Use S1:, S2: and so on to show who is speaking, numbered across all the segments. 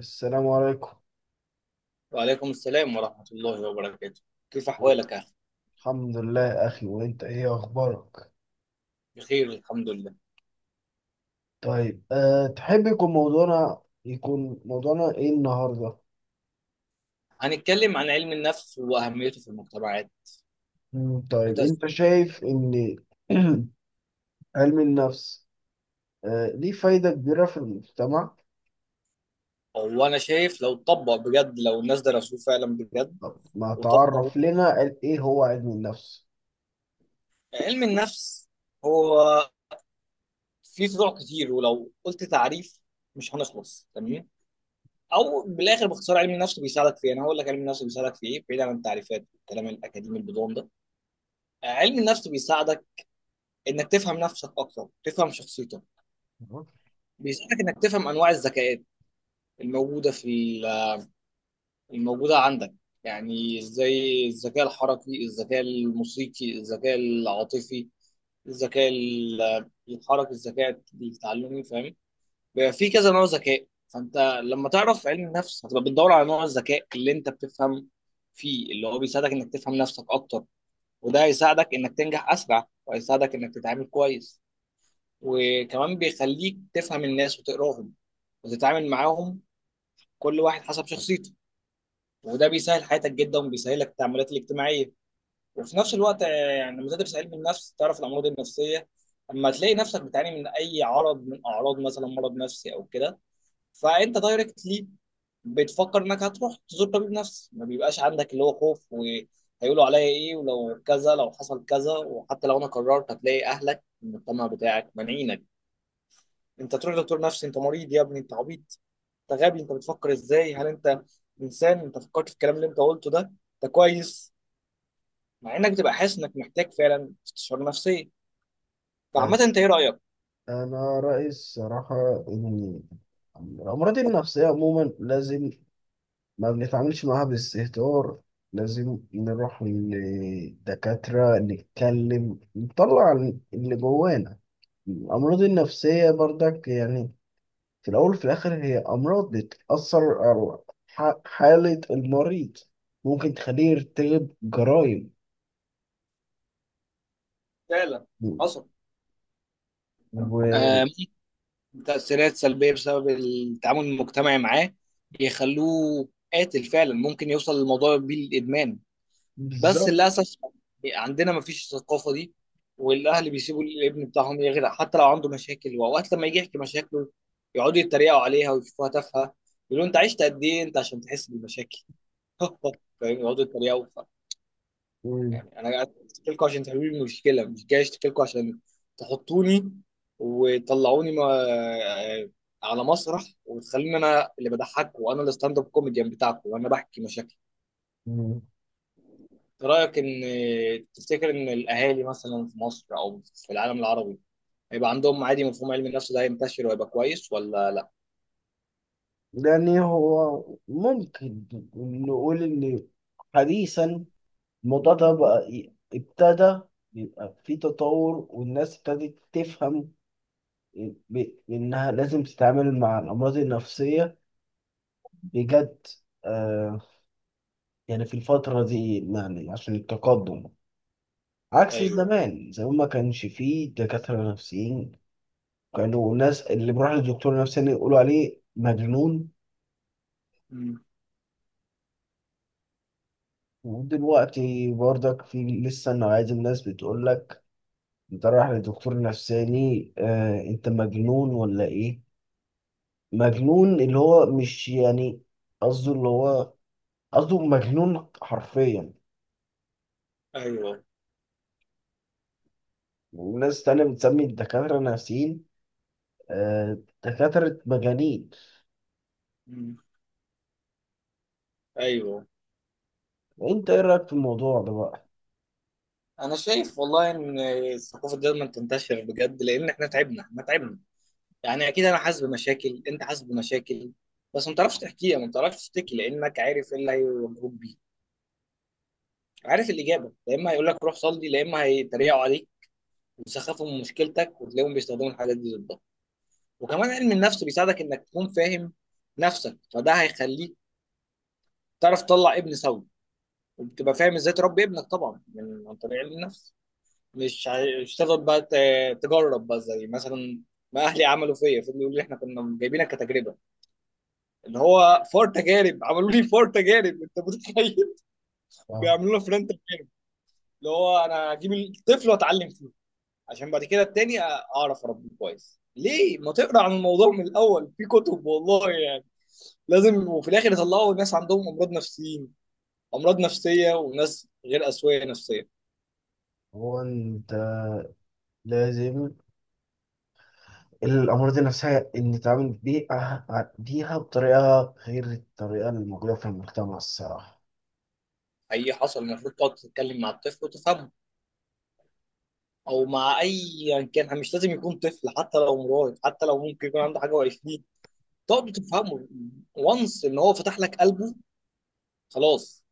S1: السلام عليكم.
S2: وعليكم السلام ورحمة الله وبركاته. كيف أحوالك يا أخي؟
S1: الحمد لله أخي، وأنت إيه أخبارك؟
S2: بخير الحمد لله.
S1: طيب، تحب يكون موضوعنا إيه النهاردة؟
S2: هنتكلم عن علم النفس وأهميته في المجتمعات
S1: طيب أنت
S2: وتأثيره.
S1: شايف إن علم النفس ليه فايدة كبيرة في المجتمع؟
S2: هو أنا شايف لو اتطبق بجد، لو الناس درسوه فعلا بجد
S1: طب ما
S2: وطبقوا.
S1: تعرف لنا قال إيه هو علم النفس؟
S2: علم النفس هو فيه فروع كتير، ولو قلت تعريف مش هنخلص، تمام؟ أو بالآخر باختصار علم النفس بيساعدك في إيه؟ أنا هقول لك علم النفس بيساعدك في إيه بعيد عن التعريفات والكلام الأكاديمي البدون ده. علم النفس بيساعدك إنك تفهم نفسك أكتر، تفهم شخصيتك.
S1: تمام؟
S2: بيساعدك انك تفهم انواع الذكاءات الموجوده في الموجوده عندك. يعني ازاي الذكاء الحركي، الذكاء الموسيقي، الذكاء العاطفي، الذكاء الحركي، الذكاء التعلمي، فاهم؟ بيبقى في كذا نوع ذكاء، فانت لما تعرف علم النفس هتبقى بتدور على نوع الذكاء اللي انت بتفهم فيه، اللي هو بيساعدك انك تفهم نفسك اكتر. وده هيساعدك انك تنجح اسرع، وهيساعدك انك تتعامل كويس. وكمان بيخليك تفهم الناس وتقراهم وتتعامل معاهم كل واحد حسب شخصيته. وده بيسهل حياتك جدا، وبيسهل لك التعاملات الاجتماعيه. وفي نفس الوقت يعني لما تدرس علم النفس تعرف الامراض النفسيه. اما تلاقي نفسك بتعاني من اي عرض من اعراض مثلا مرض نفسي او كده، فانت دايركتلي بتفكر انك هتروح تزور طبيب نفسي. ما بيبقاش عندك اللي هو خوف وهيقولوا عليا ايه ولو كذا لو حصل كذا. وحتى لو انا قررت هتلاقي اهلك، المجتمع بتاعك، مانعينك انت تروح دكتور نفسي. انت مريض يا ابني، انت عبيط، انت غبي، انت بتفكر ازاي، هل انت انسان؟ انت فكرت في الكلام اللي انت قلته ده؟ انت كويس؟ مع انك بتبقى حاسس انك محتاج فعلا استشاره نفسيه. فعامه انت
S1: بس
S2: ايه رايك؟
S1: أنا رأيي الصراحة إن الأمراض النفسية عموما لازم ما بنتعاملش معاها باستهتار، لازم نروح للدكاترة نتكلم نطلع اللي جوانا. الأمراض النفسية برضك يعني في الأول وفي الآخر هي أمراض بتأثر على حالة المريض، ممكن تخليه يرتكب جرائم.
S2: فعلا حصل. آه،
S1: وبالظبط.
S2: تاثيرات سلبيه بسبب التعامل المجتمعي معاه يخلوه قاتل فعلا، ممكن يوصل للموضوع بيه للادمان. بس للاسف عندنا ما فيش الثقافه دي. والاهل بيسيبوا الابن بتاعهم يغرق حتى لو عنده مشاكل، واوقات لما يجي يحكي مشاكله يقعدوا يتريقوا عليها ويشوفوها تافهه. يقولوا انت عشت قد ايه انت عشان تحس بالمشاكل؟ فاهم؟ يقعدوا يتريقوا
S1: و-
S2: يعني انا قاعد اشتكي لكم عشان تحلوا لي المشكله، مش جاي اشتكي لكم عشان تحطوني وتطلعوني ما على مسرح وتخليني انا اللي بضحك وانا الستاند اب كوميديان بتاعكم وانا بحكي مشاكل.
S1: و-
S2: رأيك إن، تفتكر إن الأهالي مثلا في مصر أو في العالم العربي هيبقى عندهم عادي مفهوم علم النفس ده، هينتشر وهيبقى كويس ولا لأ؟
S1: يعني هو ممكن نقول إن حديثا الموضوع ده بقى ابتدى يبقى في تطور، والناس ابتدت تفهم إنها لازم تتعامل مع الأمراض النفسية بجد. آه يعني في الفترة دي، يعني عشان التقدم، عكس
S2: أيوه.
S1: زمان. زمان ما كانش فيه دكاترة نفسيين، كانوا الناس اللي بيروح لدكتور نفساني يقولوا عليه مجنون.
S2: مم.
S1: ودلوقتي برضك في لسه نوعية الناس بتقول لك انت رايح لدكتور نفساني، آه انت مجنون ولا ايه؟ مجنون اللي هو مش يعني قصده، اللي هو قصده مجنون حرفيا.
S2: أيوه.
S1: وناس تانية بتسمي الدكاترة نفسيين، آه، دكاترة مجانين.
S2: مم. أيوه.
S1: انت ايه رأيك في الموضوع ده بقى؟
S2: أنا شايف والله إن الثقافة دي لازم تنتشر بجد، لأن إحنا تعبنا، إحنا تعبنا. يعني أكيد أنا حاسس بمشاكل، أنت حاسس بمشاكل، بس ما بتعرفش تحكيها، ما بتعرفش تشتكي، لأنك عارف إيه اللي هيواجهوك بيه. عارف الإجابة، يا إما هيقول لك روح صلي، يا إما هيتريقوا عليك ويسخفوا من مشكلتك، وتلاقيهم بيستخدموا الحاجات دي ضدك. وكمان علم النفس بيساعدك انك تكون فاهم نفسك، فده هيخليك تعرف تطلع ابن سوي. وبتبقى فاهم ازاي تربي ابنك طبعا من عن طريق علم النفس. مش تفضل بقى تجرب بقى زي مثلا ما اهلي عملوا فيا. فضلوا يقولوا لي احنا كنا جايبينك كتجربه، اللي هو فور تجارب، عملوا لي فور تجارب، انت متخيل؟
S1: آه،
S2: بيعملوا لنا فرنت، اللي هو انا هجيب الطفل واتعلم فيه عشان بعد كده التاني اعرف اربيه كويس. ليه ما تقرا عن الموضوع من الاول في كتب؟ والله لازم. وفي الاخر يطلعوا ناس عندهم امراض نفسيين، امراض نفسيه، وناس غير اسويه نفسيه.
S1: هو انت لازم الأمراض النفسية إن نتعامل بيها بطريقة غير الطريقة اللي موجودة في المجتمع الصراحة.
S2: اي حصل المفروض تقعد تتكلم مع الطفل وتفهمه، او مع اي، يعني كان مش لازم يكون طفل، حتى لو مراهق، حتى لو ممكن يكون عنده حاجه وعشرين، تقعد تفهمه وانس ان هو فتح لك قلبه، خلاص،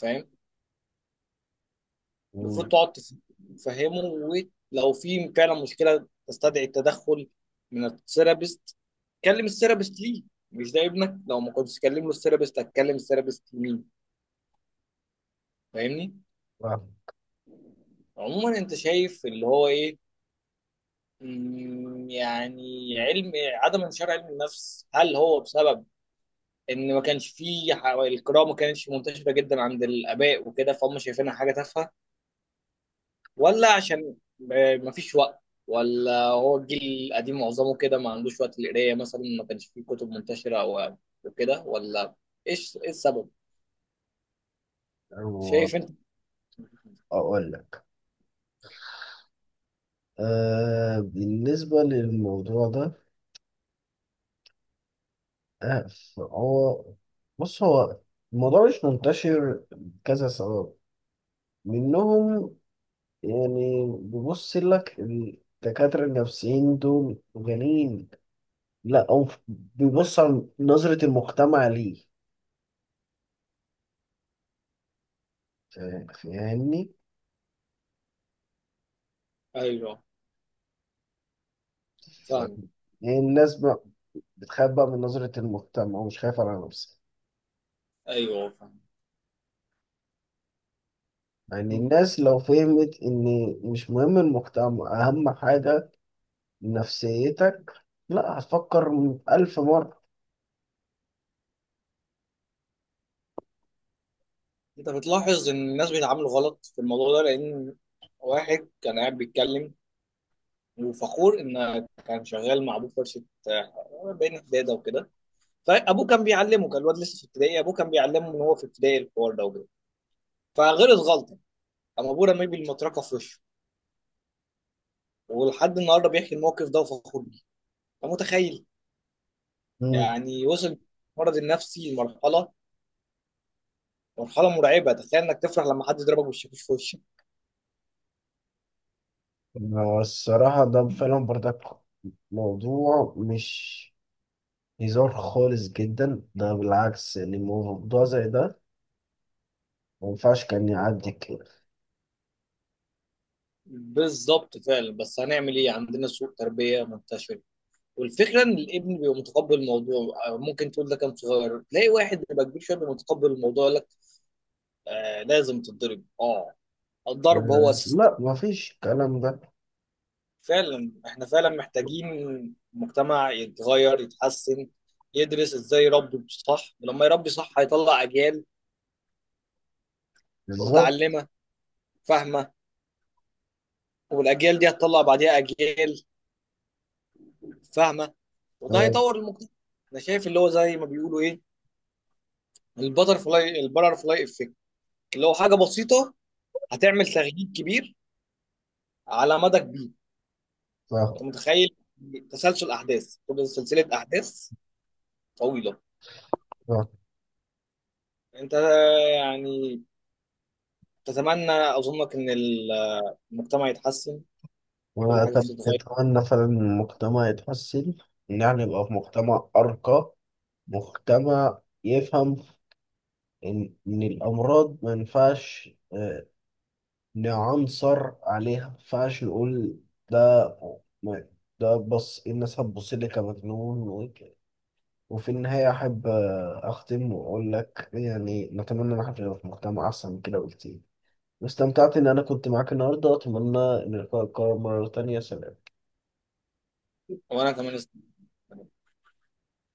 S2: فاهم؟ المفروض
S1: مم.
S2: تقعد تفهمه. ولو في فعلا مشكله تستدعي التدخل من الثيرابيست، كلم الثيرابيست. ليه مش ده ابنك؟ لو ما كنتش تكلم له الثيرابيست هتكلم الثيرابيست مين؟ فاهمني؟ عموما انت شايف اللي هو ايه، يعني علم، عدم انتشار علم النفس هل هو بسبب ان ما كانش فيه القراءه ما كانتش منتشره جدا عند الاباء وكده، فهم شايفينها حاجه تافهه؟ ولا عشان ما فيش وقت؟ ولا هو الجيل القديم معظمه كده ما عندوش وقت للقرايه مثلا، ما كانش فيه كتب منتشره او وكده؟ ولا ايه السبب
S1: وأقول
S2: شايف انت؟
S1: لك، بالنسبة للموضوع ده آه، هو، بص، هو الموضوع مش منتشر كذا سبب. منهم يعني بيبص لك الدكاترة النفسيين دول غنيين، لا، أو بيبص على نظرة المجتمع ليه. فاهمني؟
S2: ايوه،
S1: ف-
S2: فاهم.
S1: يعني الناس بقى بتخاف بقى من نظرة المجتمع، ومش خايفة على نفسها.
S2: ايوه،
S1: يعني
S2: فاهم.
S1: الناس لو فهمت إن مش مهم المجتمع، أهم حاجة نفسيتك، لا، هتفكر ألف مرة.
S2: انت بتلاحظ ان الناس بيتعاملوا غلط في الموضوع ده، لان واحد كان قاعد بيتكلم وفخور ان كان شغال مع ابوه في ورشه، بين حداده وكده. فابوه كان بيعلمه، كان الواد لسه في ابتدائي، ابوه كان بيعلمه ان هو في ابتدائي الحوار ده وكده، فغلط غلطه، قام ابوه رميه بالمطرقه في وشه. ولحد النهارده بيحكي الموقف ده وفخور بيه. فمتخيل؟ يعني وصل المرض النفسي لمرحله، مرحله مرعبه، تخيل انك تفرح لما حد يضربك بالشاكوش في وشك.
S1: هو الصراحة ده فعلا برضك موضوع مش هزار خالص جدا، ده بالعكس. يعني موضوع زي ده ما ينفعش كان يعدي كده.
S2: بالظبط فعلا، بس هنعمل ايه، عندنا سوء تربيه منتشر. والفكره ان الابن بيبقى متقبل الموضوع. ممكن تقول ده كان صغير، تلاقي واحد بيبقى كبير شويه بيبقى متقبل الموضوع، يقول لك آه لازم تتضرب، اه الضرب هو
S1: آه،
S2: اساس
S1: لا، ما فيش الكلام ده.
S2: فعلا احنا فعلا محتاجين مجتمع يتغير، يتحسن، يدرس ازاي يربي صح. ولما يربي صح هيطلع اجيال
S1: بالظبط،
S2: متعلمه فاهمه، والاجيال دي هتطلع بعديها اجيال فاهمه، وده
S1: آه،
S2: هيطور المجتمع. انا شايف اللي هو زي ما بيقولوا ايه، البترفلاي افكت، اللي هو حاجه بسيطه هتعمل تغيير كبير على مدى كبير.
S1: صح،
S2: انت متخيل؟ تسلسل احداث، تبقى سلسله احداث طويله.
S1: صح.
S2: انت يعني تتمنى اظنك ان المجتمع يتحسن، كل
S1: وأنا
S2: حاجه
S1: طب
S2: فيه تتغير؟
S1: أتمنى فعلا إن المجتمع يتحسن، إن إحنا نبقى في مجتمع أرقى، مجتمع يفهم إن الأمراض ما ينفعش نعنصر عليها، ما ينفعش نقول ده ما- ده، بص، إيه الناس هتبص لي كمجنون وفي النهاية أحب أختم وأقول لك، يعني نتمنى إن احنا نبقى في مجتمع أحسن من كده بكتير. واستمتعت إن أنا كنت معاك النهاردة، أتمنى إن اللقاء يتكرر مرة تانية. سلام.
S2: وانا كمان.